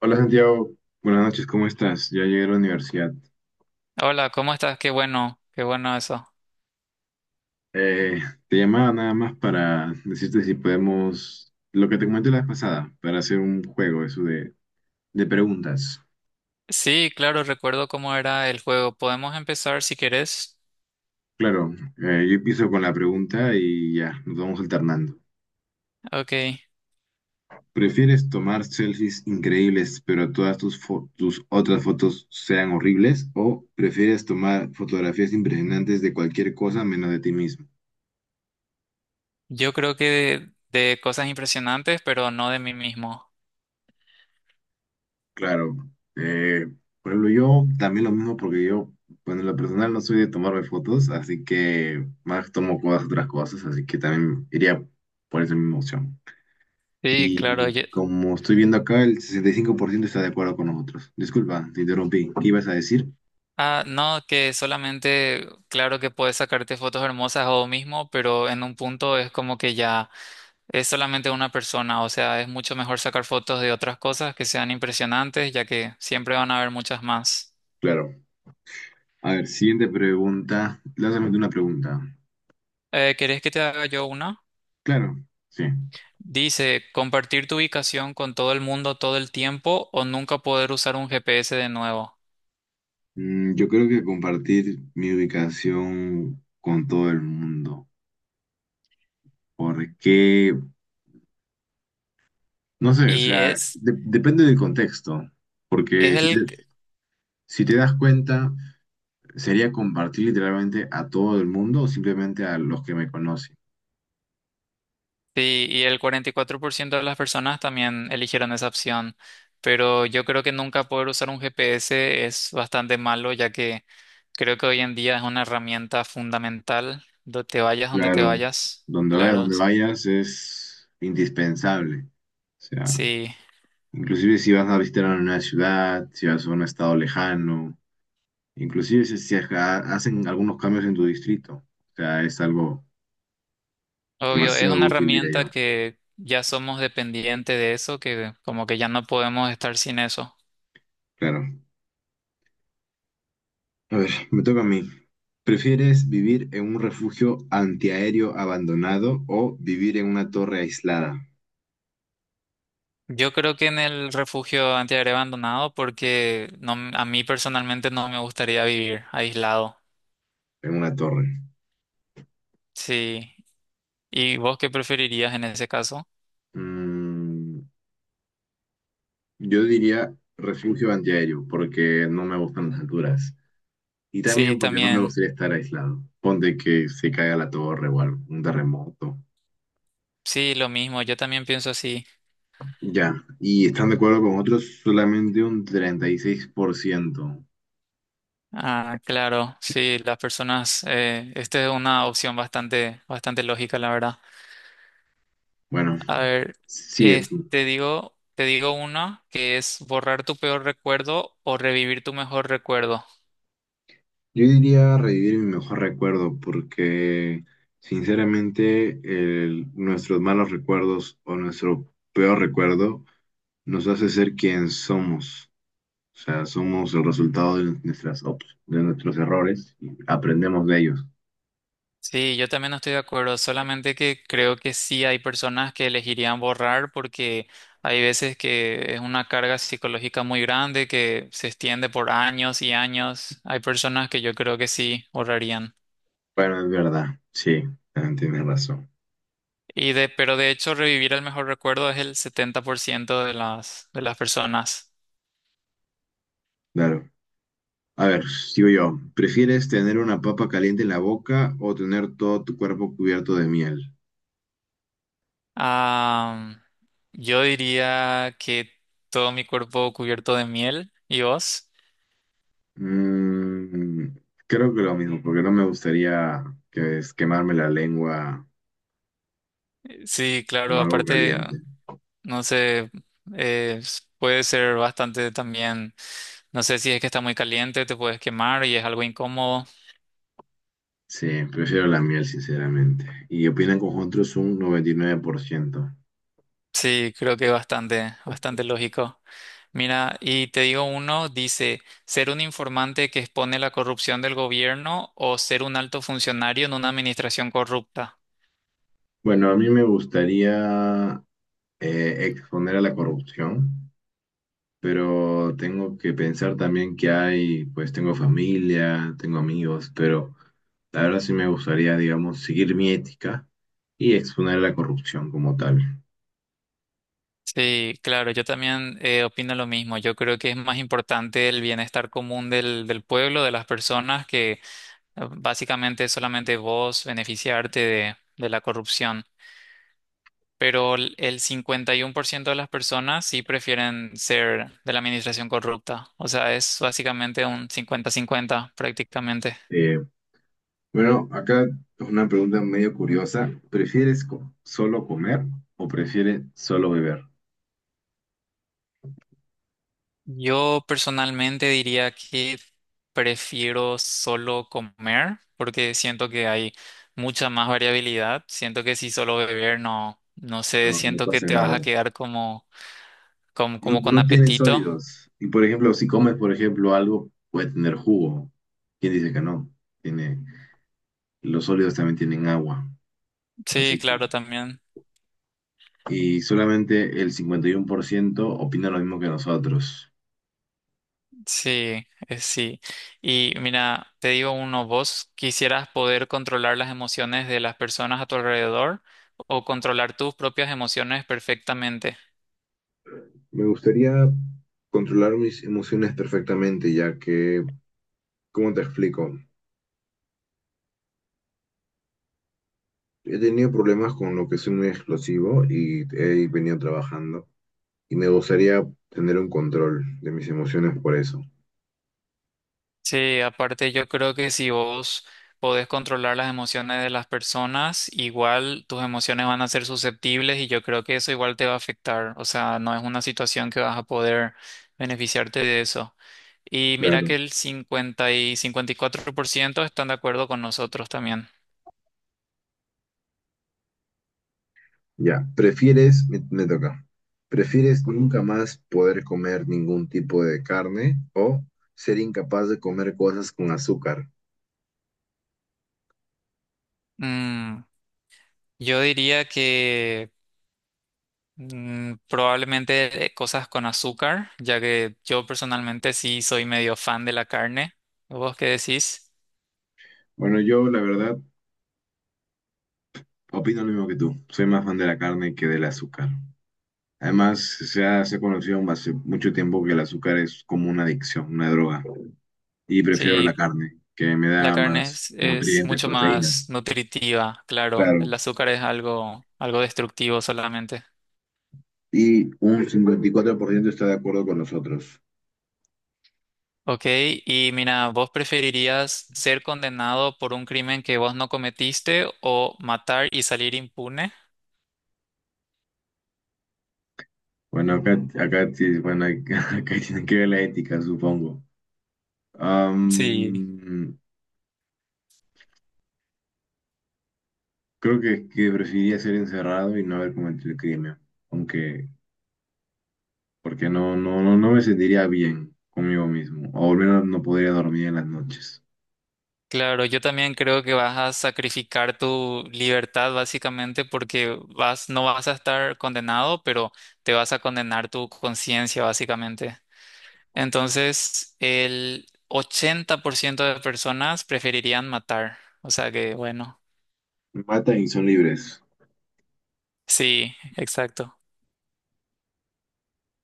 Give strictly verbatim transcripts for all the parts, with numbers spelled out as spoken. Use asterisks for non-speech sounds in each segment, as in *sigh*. Hola Santiago, buenas noches, ¿cómo estás? Ya llegué a la universidad. Hola, ¿cómo estás? Qué bueno, qué bueno eso. Eh, Te llamaba nada más para decirte si podemos, lo que te comenté la vez pasada, para hacer un juego, eso de, de preguntas. Sí, claro, recuerdo cómo era el juego. Podemos empezar si querés. Claro, eh, yo empiezo con la pregunta y ya, nos vamos alternando. Ok, ¿Prefieres tomar selfies increíbles, pero todas tus, fo- tus otras fotos sean horribles? ¿O prefieres tomar fotografías impresionantes de cualquier cosa menos de ti mismo? yo creo que de, de cosas impresionantes, pero no de mí mismo. Claro, eh, por ejemplo, yo también lo mismo porque yo, bueno, en lo personal no soy de tomarme fotos, así que más tomo cosas, otras cosas, así que también iría por esa misma opción. Sí, claro. Y yo- como estoy viendo acá, el sesenta y cinco por ciento está de acuerdo con nosotros. Disculpa, te interrumpí. ¿Qué ibas a decir? Ah, no, que solamente, claro que puedes sacarte fotos hermosas o mismo, pero en un punto es como que ya es solamente una persona. O sea, es mucho mejor sacar fotos de otras cosas que sean impresionantes, ya que siempre van a haber muchas más. Claro. A ver, siguiente pregunta. Lánzame tú una pregunta. Eh, ¿querés que te haga yo una? Claro, sí. Dice, compartir tu ubicación con todo el mundo todo el tiempo o nunca poder usar un G P S de nuevo. Mm, yo creo que compartir mi ubicación con todo el mundo. ¿Por qué? No sé, o Y sea, es, de- depende del contexto, es porque si el, te, si te das cuenta, sería compartir literalmente a todo el mundo o simplemente a los que me conocen. sí, y el cuarenta y cuatro por ciento de las personas también eligieron esa opción. Pero yo creo que nunca poder usar un G P S es bastante malo, ya que creo que hoy en día es una herramienta fundamental, donde te vayas, donde te Claro, vayas. donde vayas, Claro, donde vayas es indispensable. O sea, sí, inclusive si vas a visitar a una ciudad, si vas a un estado lejano, inclusive si, si ha- hacen algunos cambios en tu distrito. O sea, es algo obvio, es demasiado una útil, diría herramienta yo. que ya somos dependientes de eso, que como que ya no podemos estar sin eso. Claro. A ver, me toca a mí. ¿Prefieres vivir en un refugio antiaéreo abandonado o vivir en una torre aislada? Yo creo que en el refugio antiaéreo abandonado porque no, a mí personalmente no me gustaría vivir aislado. En una torre. Sí. ¿Y vos qué preferirías en ese caso? Mm, yo diría refugio antiaéreo porque no me gustan las alturas. Y Sí, también porque no me también. gustaría estar aislado. Ponte que se caiga la torre o algo, un terremoto. Sí, lo mismo. Yo también pienso así. Ya, ¿y están de acuerdo con otros solamente un treinta y seis por ciento? Ah, claro. Sí, las personas. Eh, esta es una opción bastante, bastante lógica, la verdad. Bueno, A ver, sí es. es- te digo, te digo una que es borrar tu peor recuerdo o revivir tu mejor recuerdo. Yo diría revivir mi mejor recuerdo porque sinceramente el- nuestros malos recuerdos o nuestro peor recuerdo nos hace ser quien somos. O sea, somos el resultado de nuestras op- de nuestros errores y aprendemos de ellos. Sí, yo también estoy de acuerdo, solamente que creo que sí hay personas que elegirían borrar porque hay veces que es una carga psicológica muy grande que se extiende por años y años. Hay personas que yo creo que sí borrarían. Bueno, es verdad, sí, también tienes razón. Y de, pero de hecho revivir el mejor recuerdo es el setenta por ciento de las, de las personas. Claro. A ver, sigo yo. ¿Prefieres tener una papa caliente en la boca o tener todo tu cuerpo cubierto de miel? Ah, yo diría que todo mi cuerpo cubierto de miel. ¿Y vos? Mm, Creo que lo mismo, porque no me gustaría que es quemarme la lengua Sí, con claro, algo aparte. caliente. No sé, eh, puede ser bastante también, no sé si es que está muy caliente, te puedes quemar y es algo incómodo. Sí, prefiero la miel, sinceramente. Y opinan con otros un noventa y nueve por ciento. Sí, creo que bastante, bastante lógico. Mira, y te digo uno, dice, ser un informante que expone la corrupción del gobierno o ser un alto funcionario en una administración corrupta. Bueno, a mí me gustaría eh, exponer a la corrupción, pero tengo que pensar también que hay, pues tengo familia, tengo amigos, pero la verdad sí me gustaría, digamos, seguir mi ética y exponer a la corrupción como tal. Sí, claro, yo también eh, opino lo mismo. Yo creo que es más importante el bienestar común del, del pueblo, de las personas. Ah, básicamente solamente vos beneficiarte de, de la corrupción, pero el el cincuenta y uno por ciento de las personas sí prefieren ser de la administración corrupta. O sea, es básicamente un cincuenta-cincuenta prácticamente. Eh, Bueno, acá es una pregunta medio curiosa. ¿Prefieres co- solo comer o prefieres solo beber? Yo personalmente diría que prefiero solo comer porque siento que hay mucha más variabilidad. Siento que si solo beber no, no sé, No, no siento que pasa te vas nada. a quedar como, como, No, como con no tienen apetito. sólidos. Y por ejemplo, si comes, por ejemplo, algo, puede tener jugo. ¿Quién dice que no? Tiene, los sólidos también tienen agua. Sí, Así que, claro, también. y solamente el cincuenta y uno por ciento opina lo mismo que nosotros. Sí, eh, sí. Y mira, te digo uno, ¿vos quisieras poder controlar las emociones de las personas a tu alrededor o controlar tus propias emociones perfectamente? Me gustaría controlar mis emociones perfectamente, ya que, ¿cómo te explico? He tenido problemas con lo que soy muy explosivo y he venido trabajando. Y me gustaría tener un control de mis emociones por eso. Sí, aparte yo creo que si vos podés controlar las emociones de las personas, igual tus emociones van a ser susceptibles y yo creo que eso igual te va a afectar. O sea, no es una situación que vas a poder beneficiarte de eso. Y mira que Claro. el cincuenta y cincuenta y cuatro por ciento están de acuerdo con nosotros también. Ya, prefieres, me, me toca, ¿prefieres nunca más poder comer ningún tipo de carne o ser incapaz de comer cosas con azúcar? Mm, yo diría que mm, probablemente eh, cosas con azúcar, ya que yo personalmente sí soy medio fan de la carne. ¿Vos qué decís? Bueno, yo la verdad opino lo mismo que tú. Soy más fan de la carne que del azúcar. Además, se ha, se ha conocido hace mucho tiempo que el azúcar es como una adicción, una droga. Y prefiero la Sí, carne, que me la da carne más es, es nutrientes, mucho más proteínas. nutritiva, claro. Claro. El azúcar es algo, algo destructivo solamente. Y un cincuenta y cuatro por ciento está de acuerdo con nosotros. Ok, y mira, ¿vos preferirías ser condenado por un crimen que vos no cometiste o matar y salir impune? Bueno, acá, acá, sí- bueno, *laughs* acá, acá tiene que ver la ética, supongo. Sí. Am, Creo que, que preferiría ser encerrado y no haber cometido el crimen, aunque, porque no, no, no, no me sentiría bien conmigo mismo, o al menos no podría dormir en las noches. Claro, yo también creo que vas a sacrificar tu libertad básicamente porque vas, no vas a estar condenado, pero te vas a condenar tu conciencia básicamente. Entonces, el ochenta por ciento de personas preferirían matar. O sea que, bueno, Me matan y son libres. sí, exacto.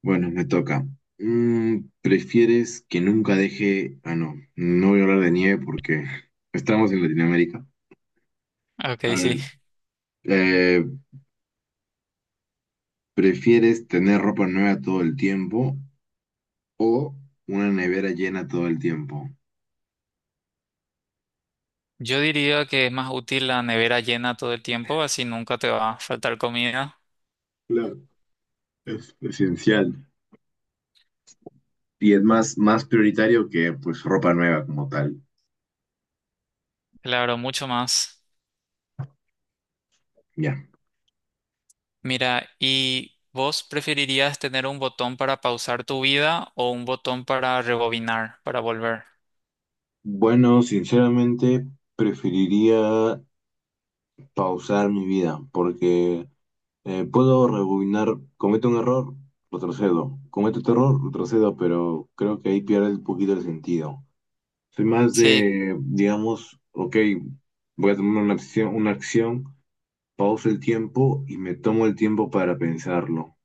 Bueno, me toca. Mm, ¿prefieres que nunca deje... Ah, no, no voy a hablar de nieve porque *laughs* estamos en Latinoamérica. Ok, A sí. ver, eh, ¿prefieres tener ropa nueva todo el tiempo o una nevera llena todo el tiempo? Yo diría que es más útil la nevera llena todo el tiempo, así nunca te va a faltar comida. Claro, es esencial. Y es más, más prioritario que pues ropa nueva como tal. Claro, mucho más. Ya. Mira, ¿y vos preferirías tener un botón para pausar tu vida o un botón para rebobinar, para volver? Bueno, sinceramente preferiría pausar mi vida porque... Eh, puedo rebobinar, cometo un error, retrocedo. Cometo otro error, retrocedo, pero creo que ahí pierde un poquito el sentido. Soy más Sí, de, digamos, ok, voy a tomar una acción, una acción, pauso el tiempo y me tomo el tiempo para pensarlo.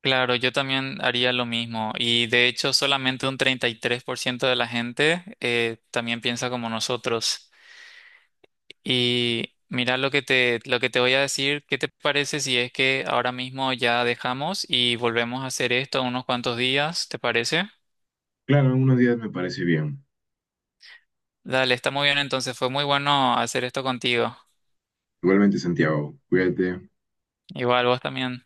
claro, yo también haría lo mismo. Y de hecho, solamente un treinta y tres por ciento de la gente eh, también piensa como nosotros. Y mira lo que te, lo que te voy a decir, ¿qué te parece si es que ahora mismo ya dejamos y volvemos a hacer esto unos cuantos días? ¿Te parece? Claro, en unos días me parece bien. Dale, está muy bien, entonces fue muy bueno hacer esto contigo. Igualmente, Santiago, cuídate. Igual vos también.